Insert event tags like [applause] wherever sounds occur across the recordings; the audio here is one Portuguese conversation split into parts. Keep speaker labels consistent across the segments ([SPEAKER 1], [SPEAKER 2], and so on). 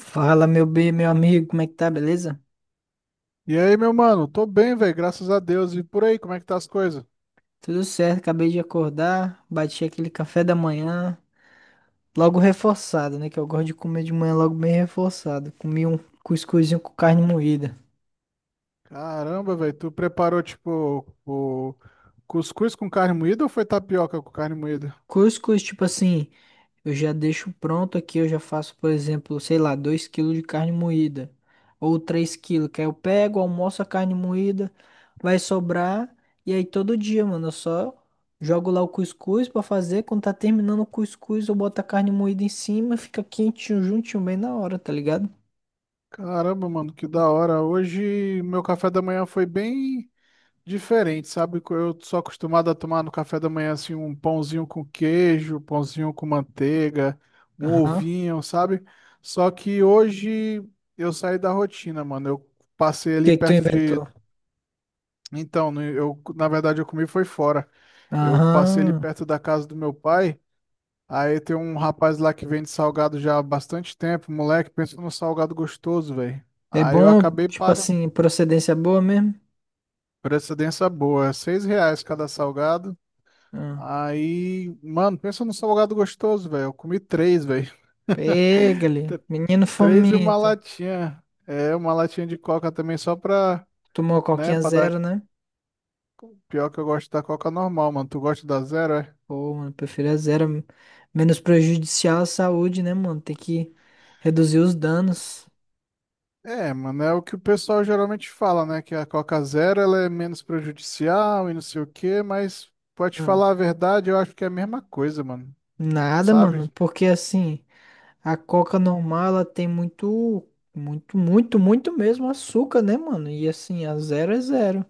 [SPEAKER 1] Fala, meu bem, meu amigo, como é que tá, beleza?
[SPEAKER 2] E aí, meu mano? Tô bem, velho, graças a Deus. E por aí, como é que tá as coisas?
[SPEAKER 1] Tudo certo, acabei de acordar, bati aquele café da manhã, logo reforçado, né? Que eu gosto de comer de manhã logo bem reforçado. Comi um cuscuzinho com carne moída.
[SPEAKER 2] Caramba, velho, tu preparou tipo o cuscuz com carne moída ou foi tapioca com carne moída?
[SPEAKER 1] Cuscuz, tipo assim, eu já deixo pronto aqui, eu já faço, por exemplo, sei lá, 2 quilos de carne moída ou 3 quilos. Que aí eu pego, almoço a carne moída, vai sobrar e aí todo dia, mano, eu só jogo lá o cuscuz pra fazer, quando tá terminando o cuscuz, eu boto a carne moída em cima, fica quentinho, juntinho, bem na hora, tá ligado?
[SPEAKER 2] Caramba, mano, que da hora. Hoje meu café da manhã foi bem diferente, sabe? Eu sou acostumado a tomar no café da manhã assim um pãozinho com queijo, pãozinho com manteiga, um
[SPEAKER 1] Aham. O
[SPEAKER 2] ovinho, sabe? Só que hoje eu saí da rotina, mano. Eu passei ali
[SPEAKER 1] que que tu
[SPEAKER 2] perto de...
[SPEAKER 1] inventou?
[SPEAKER 2] Então, na verdade, eu comi foi fora. Eu passei ali
[SPEAKER 1] Aham.
[SPEAKER 2] perto da casa do meu pai. Aí tem um rapaz lá que vende salgado já há bastante tempo. Moleque, pensou num salgado gostoso, velho.
[SPEAKER 1] É
[SPEAKER 2] Aí eu
[SPEAKER 1] bom,
[SPEAKER 2] acabei
[SPEAKER 1] tipo
[SPEAKER 2] para...
[SPEAKER 1] assim, procedência boa mesmo?
[SPEAKER 2] precedência boa. É, R$ 6 cada salgado.
[SPEAKER 1] Ah.
[SPEAKER 2] Aí, mano, pensa num salgado gostoso, velho. Eu comi três, velho.
[SPEAKER 1] Pega
[SPEAKER 2] [laughs]
[SPEAKER 1] ali,
[SPEAKER 2] Tr-
[SPEAKER 1] menino
[SPEAKER 2] Três e uma
[SPEAKER 1] fomento.
[SPEAKER 2] latinha. É, uma latinha de coca também só pra,
[SPEAKER 1] Tomou a
[SPEAKER 2] né,
[SPEAKER 1] coquinha
[SPEAKER 2] pra dar.
[SPEAKER 1] zero, né?
[SPEAKER 2] Pior que eu gosto da coca normal, mano. Tu gosta da zero, é?
[SPEAKER 1] Pô, mano, prefiro a zero. Menos prejudicial à saúde, né, mano? Tem que reduzir os danos.
[SPEAKER 2] É, mano, é o que o pessoal geralmente fala, né? Que a Coca Zero ela é menos prejudicial e não sei o quê, mas pode
[SPEAKER 1] Ah,
[SPEAKER 2] falar a verdade, eu acho que é a mesma coisa, mano.
[SPEAKER 1] nada, mano.
[SPEAKER 2] Sabe?
[SPEAKER 1] Porque assim, a coca normal, ela tem muito, muito, muito, muito mesmo açúcar, né, mano? E assim, a zero é zero.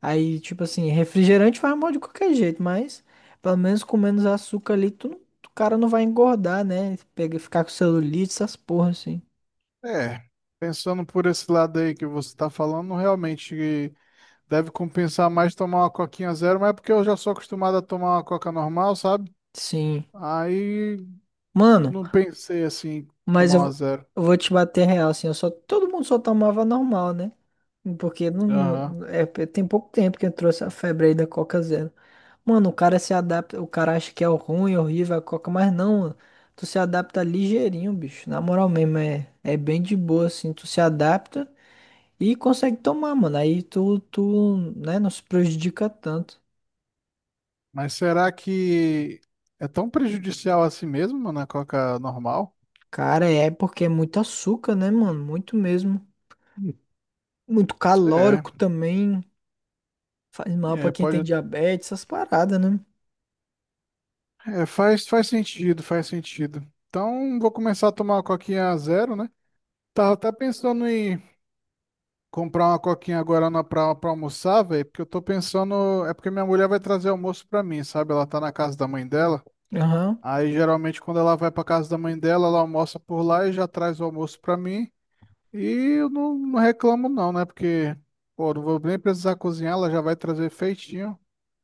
[SPEAKER 1] Aí, tipo assim, refrigerante vai mal de qualquer jeito, mas pelo menos com menos açúcar ali, tu, não- o cara não vai engordar, né? Pega, ficar com celulite, essas porra, assim.
[SPEAKER 2] É, pensando por esse lado aí que você tá falando, realmente deve compensar mais tomar uma Coquinha Zero, mas é porque eu já sou acostumado a tomar uma Coca normal, sabe?
[SPEAKER 1] Sim.
[SPEAKER 2] Aí
[SPEAKER 1] Mano.
[SPEAKER 2] não pensei assim,
[SPEAKER 1] Mas
[SPEAKER 2] tomar uma
[SPEAKER 1] eu,
[SPEAKER 2] zero.
[SPEAKER 1] eu vou te bater real, assim, eu só, todo mundo só tomava normal, né? Porque
[SPEAKER 2] Aham.
[SPEAKER 1] é, tem pouco tempo que eu trouxe a febre aí da Coca Zero. Mano, o cara se adapta, o cara acha que é ruim, horrível a Coca, mas não, mano. Tu se adapta ligeirinho, bicho. Na moral mesmo, é bem de boa, assim, tu se adapta e consegue tomar, mano. Aí tu, né, não se prejudica tanto.
[SPEAKER 2] Mas será que é tão prejudicial assim mesmo, mano, a Coca normal?
[SPEAKER 1] Cara, é porque é muito açúcar, né, mano? Muito mesmo. Muito
[SPEAKER 2] É.
[SPEAKER 1] calórico também. Faz mal pra
[SPEAKER 2] É,
[SPEAKER 1] quem tem
[SPEAKER 2] pode.
[SPEAKER 1] diabetes, essas paradas, né?
[SPEAKER 2] É, faz sentido, faz sentido. Então, vou começar a tomar uma coquinha a zero, né? Tava até pensando em comprar uma coquinha agora na, pra, pra almoçar, velho, porque eu tô pensando. É porque minha mulher vai trazer almoço pra mim, sabe? Ela tá na casa da mãe dela.
[SPEAKER 1] Aham.
[SPEAKER 2] Aí, geralmente, quando ela vai pra casa da mãe dela, ela almoça por lá e já traz o almoço pra mim. E eu não reclamo, não, né? Porque, pô, não vou nem precisar cozinhar, ela já vai trazer feitinho.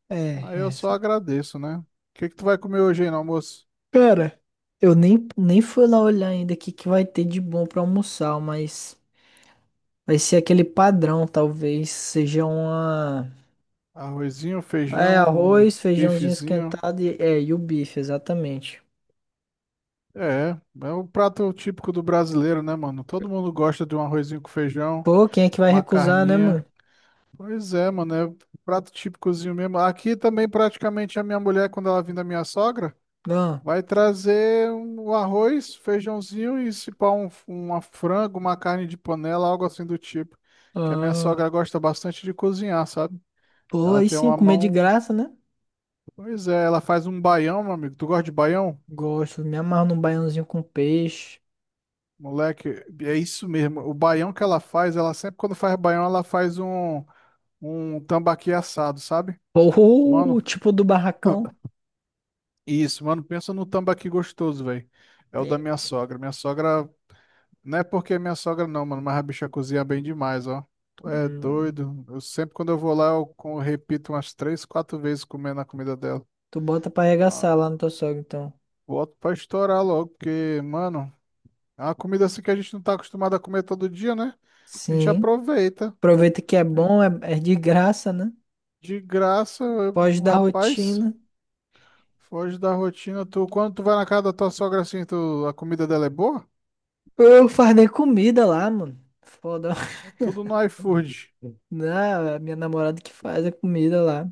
[SPEAKER 1] É,
[SPEAKER 2] Aí eu
[SPEAKER 1] é.
[SPEAKER 2] só agradeço, né? O que que tu vai comer hoje aí no almoço?
[SPEAKER 1] Cara, eu nem fui lá olhar ainda o que, que vai ter de bom pra almoçar, mas vai ser aquele padrão, talvez. Seja uma.
[SPEAKER 2] Arrozinho,
[SPEAKER 1] É,
[SPEAKER 2] feijão, um
[SPEAKER 1] arroz, feijãozinho
[SPEAKER 2] bifezinho.
[SPEAKER 1] esquentado e, é, e o bife, exatamente.
[SPEAKER 2] É, é o prato típico do brasileiro, né, mano? Todo mundo gosta de um arrozinho com feijão,
[SPEAKER 1] Pô, quem é que vai
[SPEAKER 2] uma
[SPEAKER 1] recusar, né,
[SPEAKER 2] carninha.
[SPEAKER 1] mano?
[SPEAKER 2] Pois é, mano, é prato típicozinho mesmo. Aqui também, praticamente, a minha mulher, quando ela vem da minha sogra,
[SPEAKER 1] Ah,
[SPEAKER 2] vai trazer um arroz, feijãozinho e se pá, uma frango, uma carne de panela, algo assim do tipo. Que a minha
[SPEAKER 1] ah.
[SPEAKER 2] sogra gosta bastante de cozinhar, sabe?
[SPEAKER 1] Pô,
[SPEAKER 2] Ela
[SPEAKER 1] aí
[SPEAKER 2] tem
[SPEAKER 1] sim,
[SPEAKER 2] uma
[SPEAKER 1] comer de
[SPEAKER 2] mão.
[SPEAKER 1] graça, né?
[SPEAKER 2] Pois é, ela faz um baião, meu amigo. Tu gosta de baião?
[SPEAKER 1] Gosto, me amarro num baiãozinho com peixe.
[SPEAKER 2] Moleque, é isso mesmo. O baião que ela faz, ela sempre quando faz baião, ela faz um tambaqui assado, sabe? Mano,
[SPEAKER 1] Ou tipo do barracão.
[SPEAKER 2] isso, mano, pensa no tambaqui gostoso, velho. É o da
[SPEAKER 1] É.
[SPEAKER 2] minha sogra. Minha sogra, não é porque é minha sogra não, mano, mas a bicha cozinha bem demais, ó. Tu é
[SPEAKER 1] Hum.
[SPEAKER 2] doido. Eu sempre quando eu vou lá, repito umas três, quatro vezes comendo a comida dela.
[SPEAKER 1] Tu bota pra
[SPEAKER 2] Ah,
[SPEAKER 1] arregaçar lá no teu sogro, então.
[SPEAKER 2] boto pra estourar logo, porque, mano, é uma comida assim que a gente não tá acostumado a comer todo dia, né? A gente
[SPEAKER 1] Sim.
[SPEAKER 2] aproveita.
[SPEAKER 1] Aproveita que é bom, é de graça, né?
[SPEAKER 2] De graça,
[SPEAKER 1] Pode dar
[SPEAKER 2] rapaz,
[SPEAKER 1] rotina.
[SPEAKER 2] foge da rotina. Tu, quando tu vai na casa da tua sogra assim, tu, a comida dela é boa?
[SPEAKER 1] Eu faz nem comida lá, mano. Foda.
[SPEAKER 2] Tudo no iFood.
[SPEAKER 1] [laughs] Não, é a minha namorada que faz a comida lá.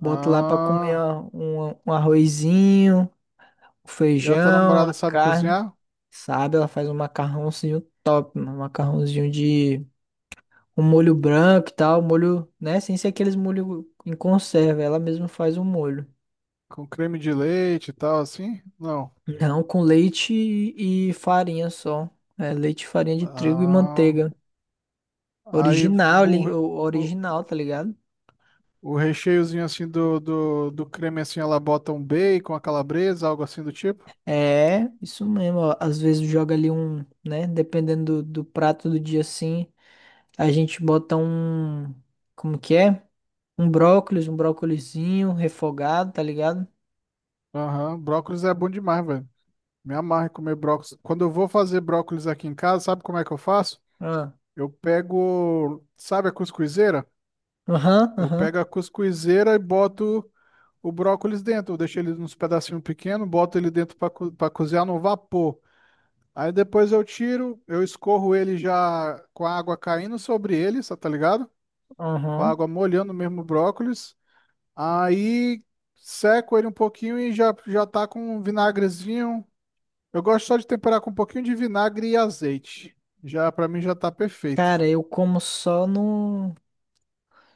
[SPEAKER 1] Boto lá pra comer
[SPEAKER 2] Ah,
[SPEAKER 1] um arrozinho, um
[SPEAKER 2] e a tua
[SPEAKER 1] feijão,
[SPEAKER 2] namorada
[SPEAKER 1] a
[SPEAKER 2] sabe
[SPEAKER 1] carne.
[SPEAKER 2] cozinhar?
[SPEAKER 1] Sabe? Ela faz um macarrãozinho top, mano. Macarrãozinho de um molho branco e tal. Molho, né? Sem ser aqueles molho em conserva. Ela mesma faz o molho.
[SPEAKER 2] Com creme de leite e tal, assim? Não.
[SPEAKER 1] Não, com leite e farinha só. É, leite, farinha de trigo e
[SPEAKER 2] Ah,
[SPEAKER 1] manteiga.
[SPEAKER 2] aí
[SPEAKER 1] Original,
[SPEAKER 2] o, o,
[SPEAKER 1] original, tá ligado?
[SPEAKER 2] o recheiozinho assim do creme assim, ela bota um bacon, a calabresa, algo assim do tipo?
[SPEAKER 1] É, isso mesmo. Ó. Às vezes joga ali um, né? Dependendo do prato do dia assim, a gente bota um, como que é? Um brócolis, um brócolizinho refogado, tá ligado?
[SPEAKER 2] Aham, brócolis é bom demais, velho. Me amarra em comer brócolis. Quando eu vou fazer brócolis aqui em casa, sabe como é que eu faço?
[SPEAKER 1] Ah,
[SPEAKER 2] Eu pego, sabe a cuscuzeira?
[SPEAKER 1] aham,
[SPEAKER 2] Eu
[SPEAKER 1] aham,
[SPEAKER 2] pego a cuscuzeira e boto o brócolis dentro. Eu deixo ele nos pedacinhos pequenos, boto ele dentro para co pra cozinhar no vapor. Aí depois eu tiro, eu escorro ele já com a água caindo sobre ele, só tá ligado? Com a
[SPEAKER 1] aham.
[SPEAKER 2] água molhando mesmo o brócolis. Aí seco ele um pouquinho e já tá com um vinagrezinho. Eu gosto só de temperar com um pouquinho de vinagre e azeite. Já para mim já tá perfeito.
[SPEAKER 1] Cara, eu como só no.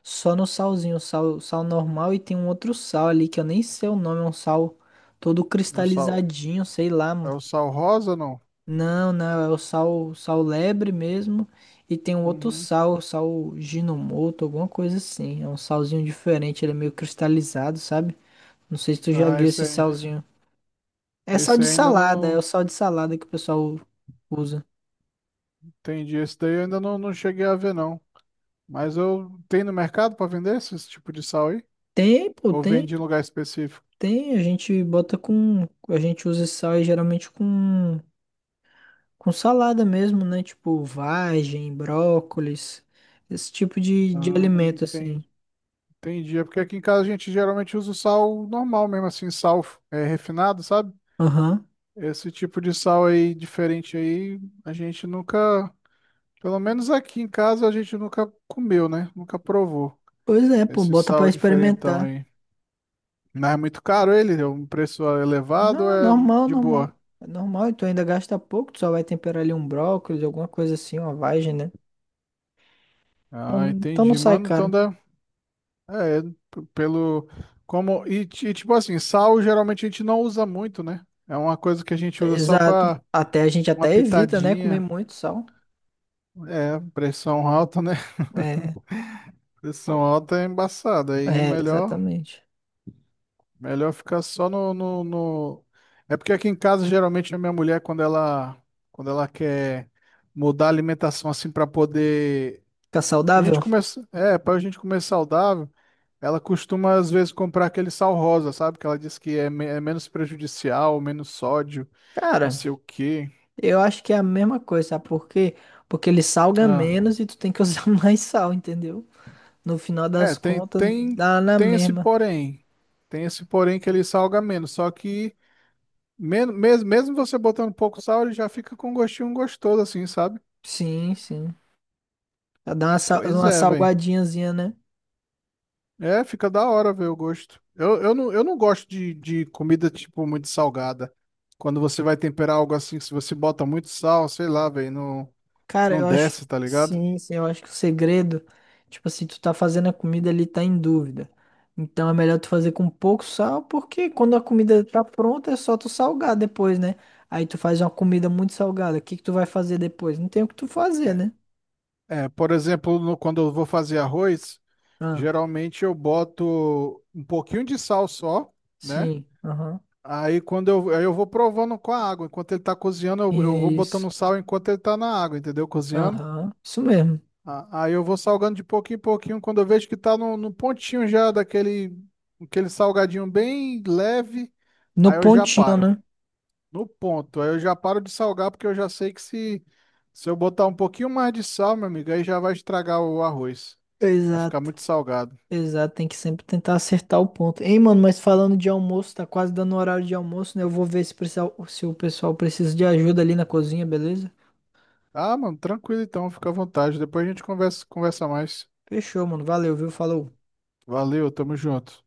[SPEAKER 1] Só no salzinho, um sal normal e tem um outro sal ali que eu nem sei o nome, é um sal todo
[SPEAKER 2] Eu só...
[SPEAKER 1] cristalizadinho, sei lá,
[SPEAKER 2] é
[SPEAKER 1] mano.
[SPEAKER 2] o sal rosa, não?
[SPEAKER 1] Não, não, é o sal lebre mesmo e tem um outro
[SPEAKER 2] Uhum.
[SPEAKER 1] sal ginomoto, alguma coisa assim. É um salzinho diferente, ele é meio cristalizado, sabe? Não sei se tu já
[SPEAKER 2] Ah,
[SPEAKER 1] viu esse salzinho. É sal
[SPEAKER 2] esse
[SPEAKER 1] de
[SPEAKER 2] aí ainda
[SPEAKER 1] salada, é o
[SPEAKER 2] não
[SPEAKER 1] sal de salada que o pessoal usa.
[SPEAKER 2] entendi. Esse daí eu ainda não cheguei a ver, não. Mas eu tenho no mercado para vender esse, esse tipo de sal aí?
[SPEAKER 1] Tem, pô,
[SPEAKER 2] Ou
[SPEAKER 1] tem,
[SPEAKER 2] vende em lugar específico?
[SPEAKER 1] tem, a gente bota com, a gente usa esse sal aí geralmente com. Com salada mesmo, né? Tipo vagem, brócolis, esse tipo de
[SPEAKER 2] Ah,
[SPEAKER 1] alimento assim.
[SPEAKER 2] entendi. É porque aqui em casa a gente geralmente usa o sal normal mesmo, assim, sal é, refinado, sabe?
[SPEAKER 1] Aham.
[SPEAKER 2] Esse tipo de sal aí diferente aí, a gente nunca, pelo menos aqui em casa, a gente nunca comeu, né? Nunca provou
[SPEAKER 1] Pois é, pô,
[SPEAKER 2] esse
[SPEAKER 1] bota pra
[SPEAKER 2] sal diferentão
[SPEAKER 1] experimentar.
[SPEAKER 2] aí. Mas é muito caro ele, é um preço ah, elevado, ou
[SPEAKER 1] Não,
[SPEAKER 2] é
[SPEAKER 1] normal,
[SPEAKER 2] de
[SPEAKER 1] normal.
[SPEAKER 2] boa.
[SPEAKER 1] É normal, e tu ainda gasta pouco, tu só vai temperar ali um brócolis, alguma coisa assim, uma vagem, né? Então,
[SPEAKER 2] Ah,
[SPEAKER 1] então não
[SPEAKER 2] entendi,
[SPEAKER 1] sai
[SPEAKER 2] mano. Então
[SPEAKER 1] caro.
[SPEAKER 2] dá. É, p- pelo. Como. E, tipo assim, sal geralmente a gente não usa muito, né? É uma coisa que a gente usa só
[SPEAKER 1] Exato.
[SPEAKER 2] pra
[SPEAKER 1] Até a gente
[SPEAKER 2] uma
[SPEAKER 1] até evita, né, comer
[SPEAKER 2] pitadinha.
[SPEAKER 1] muito sal.
[SPEAKER 2] É, pressão alta, né? [laughs]
[SPEAKER 1] É,
[SPEAKER 2] Pressão alta é embaçada. Aí
[SPEAKER 1] é,
[SPEAKER 2] melhor,
[SPEAKER 1] exatamente.
[SPEAKER 2] melhor ficar só no, no... É porque aqui em casa, geralmente, a minha mulher, quando ela quer mudar a alimentação assim pra poder...
[SPEAKER 1] Fica
[SPEAKER 2] A gente
[SPEAKER 1] saudável?
[SPEAKER 2] começa, é, para a gente comer saudável, ela costuma às vezes comprar aquele sal rosa, sabe? Que ela diz que é, é menos prejudicial, menos sódio, não
[SPEAKER 1] Cara,
[SPEAKER 2] sei o quê.
[SPEAKER 1] eu acho que é a mesma coisa, sabe por quê? Porque ele salga
[SPEAKER 2] Ah,
[SPEAKER 1] menos e tu tem que usar [laughs] mais sal, entendeu? No final
[SPEAKER 2] é,
[SPEAKER 1] das contas, dá na
[SPEAKER 2] tem esse
[SPEAKER 1] mesma.
[SPEAKER 2] porém. Tem esse porém que ele salga menos, só que men mesmo, mesmo você botando pouco sal, ele já fica com um gostinho gostoso assim, sabe?
[SPEAKER 1] Sim, sim. Dá uma,
[SPEAKER 2] Pois
[SPEAKER 1] uma
[SPEAKER 2] é, velho.
[SPEAKER 1] salgadinhazinha, né?
[SPEAKER 2] É, fica da hora ver o gosto. Eu não gosto de comida, tipo, muito salgada. Quando você vai temperar algo assim, se você bota muito sal, sei lá, velho,
[SPEAKER 1] Cara,
[SPEAKER 2] não
[SPEAKER 1] eu acho que.
[SPEAKER 2] desce, tá ligado?
[SPEAKER 1] Sim, sim, eu acho que o segredo, tipo assim, tu tá fazendo a comida ali, tá em dúvida. Então é melhor tu fazer com pouco sal, porque quando a comida tá pronta, é só tu salgar depois, né? Aí tu faz uma comida muito salgada. O que que tu vai fazer depois? Não tem o que tu fazer, né?
[SPEAKER 2] É, por exemplo, quando eu vou fazer arroz,
[SPEAKER 1] Ah,
[SPEAKER 2] geralmente eu boto um pouquinho de sal só, né?
[SPEAKER 1] sim. Aham.
[SPEAKER 2] Aí aí eu vou provando com a água. Enquanto ele tá cozinhando, eu vou botando
[SPEAKER 1] Isso.
[SPEAKER 2] sal enquanto ele tá na água, entendeu? Cozinhando.
[SPEAKER 1] Aham. Isso mesmo.
[SPEAKER 2] Aí eu vou salgando de pouquinho em pouquinho. Quando eu vejo que tá no pontinho já daquele aquele salgadinho bem leve,
[SPEAKER 1] No
[SPEAKER 2] aí eu já
[SPEAKER 1] pontinho,
[SPEAKER 2] paro.
[SPEAKER 1] né?
[SPEAKER 2] No ponto. Aí eu já paro de salgar porque eu já sei que se eu botar um pouquinho mais de sal, meu amigo, aí já vai estragar o arroz. Vai ficar
[SPEAKER 1] Exato.
[SPEAKER 2] muito salgado.
[SPEAKER 1] Exato, tem que sempre tentar acertar o ponto. Hein, mano, mas falando de almoço, tá quase dando o horário de almoço, né? Eu vou ver se, precisar, se o pessoal precisa de ajuda ali na cozinha, beleza?
[SPEAKER 2] Ah, mano, tranquilo então, fica à vontade. Depois a gente conversa, conversa mais.
[SPEAKER 1] Fechou, mano. Valeu, viu? Falou.
[SPEAKER 2] Valeu, tamo junto.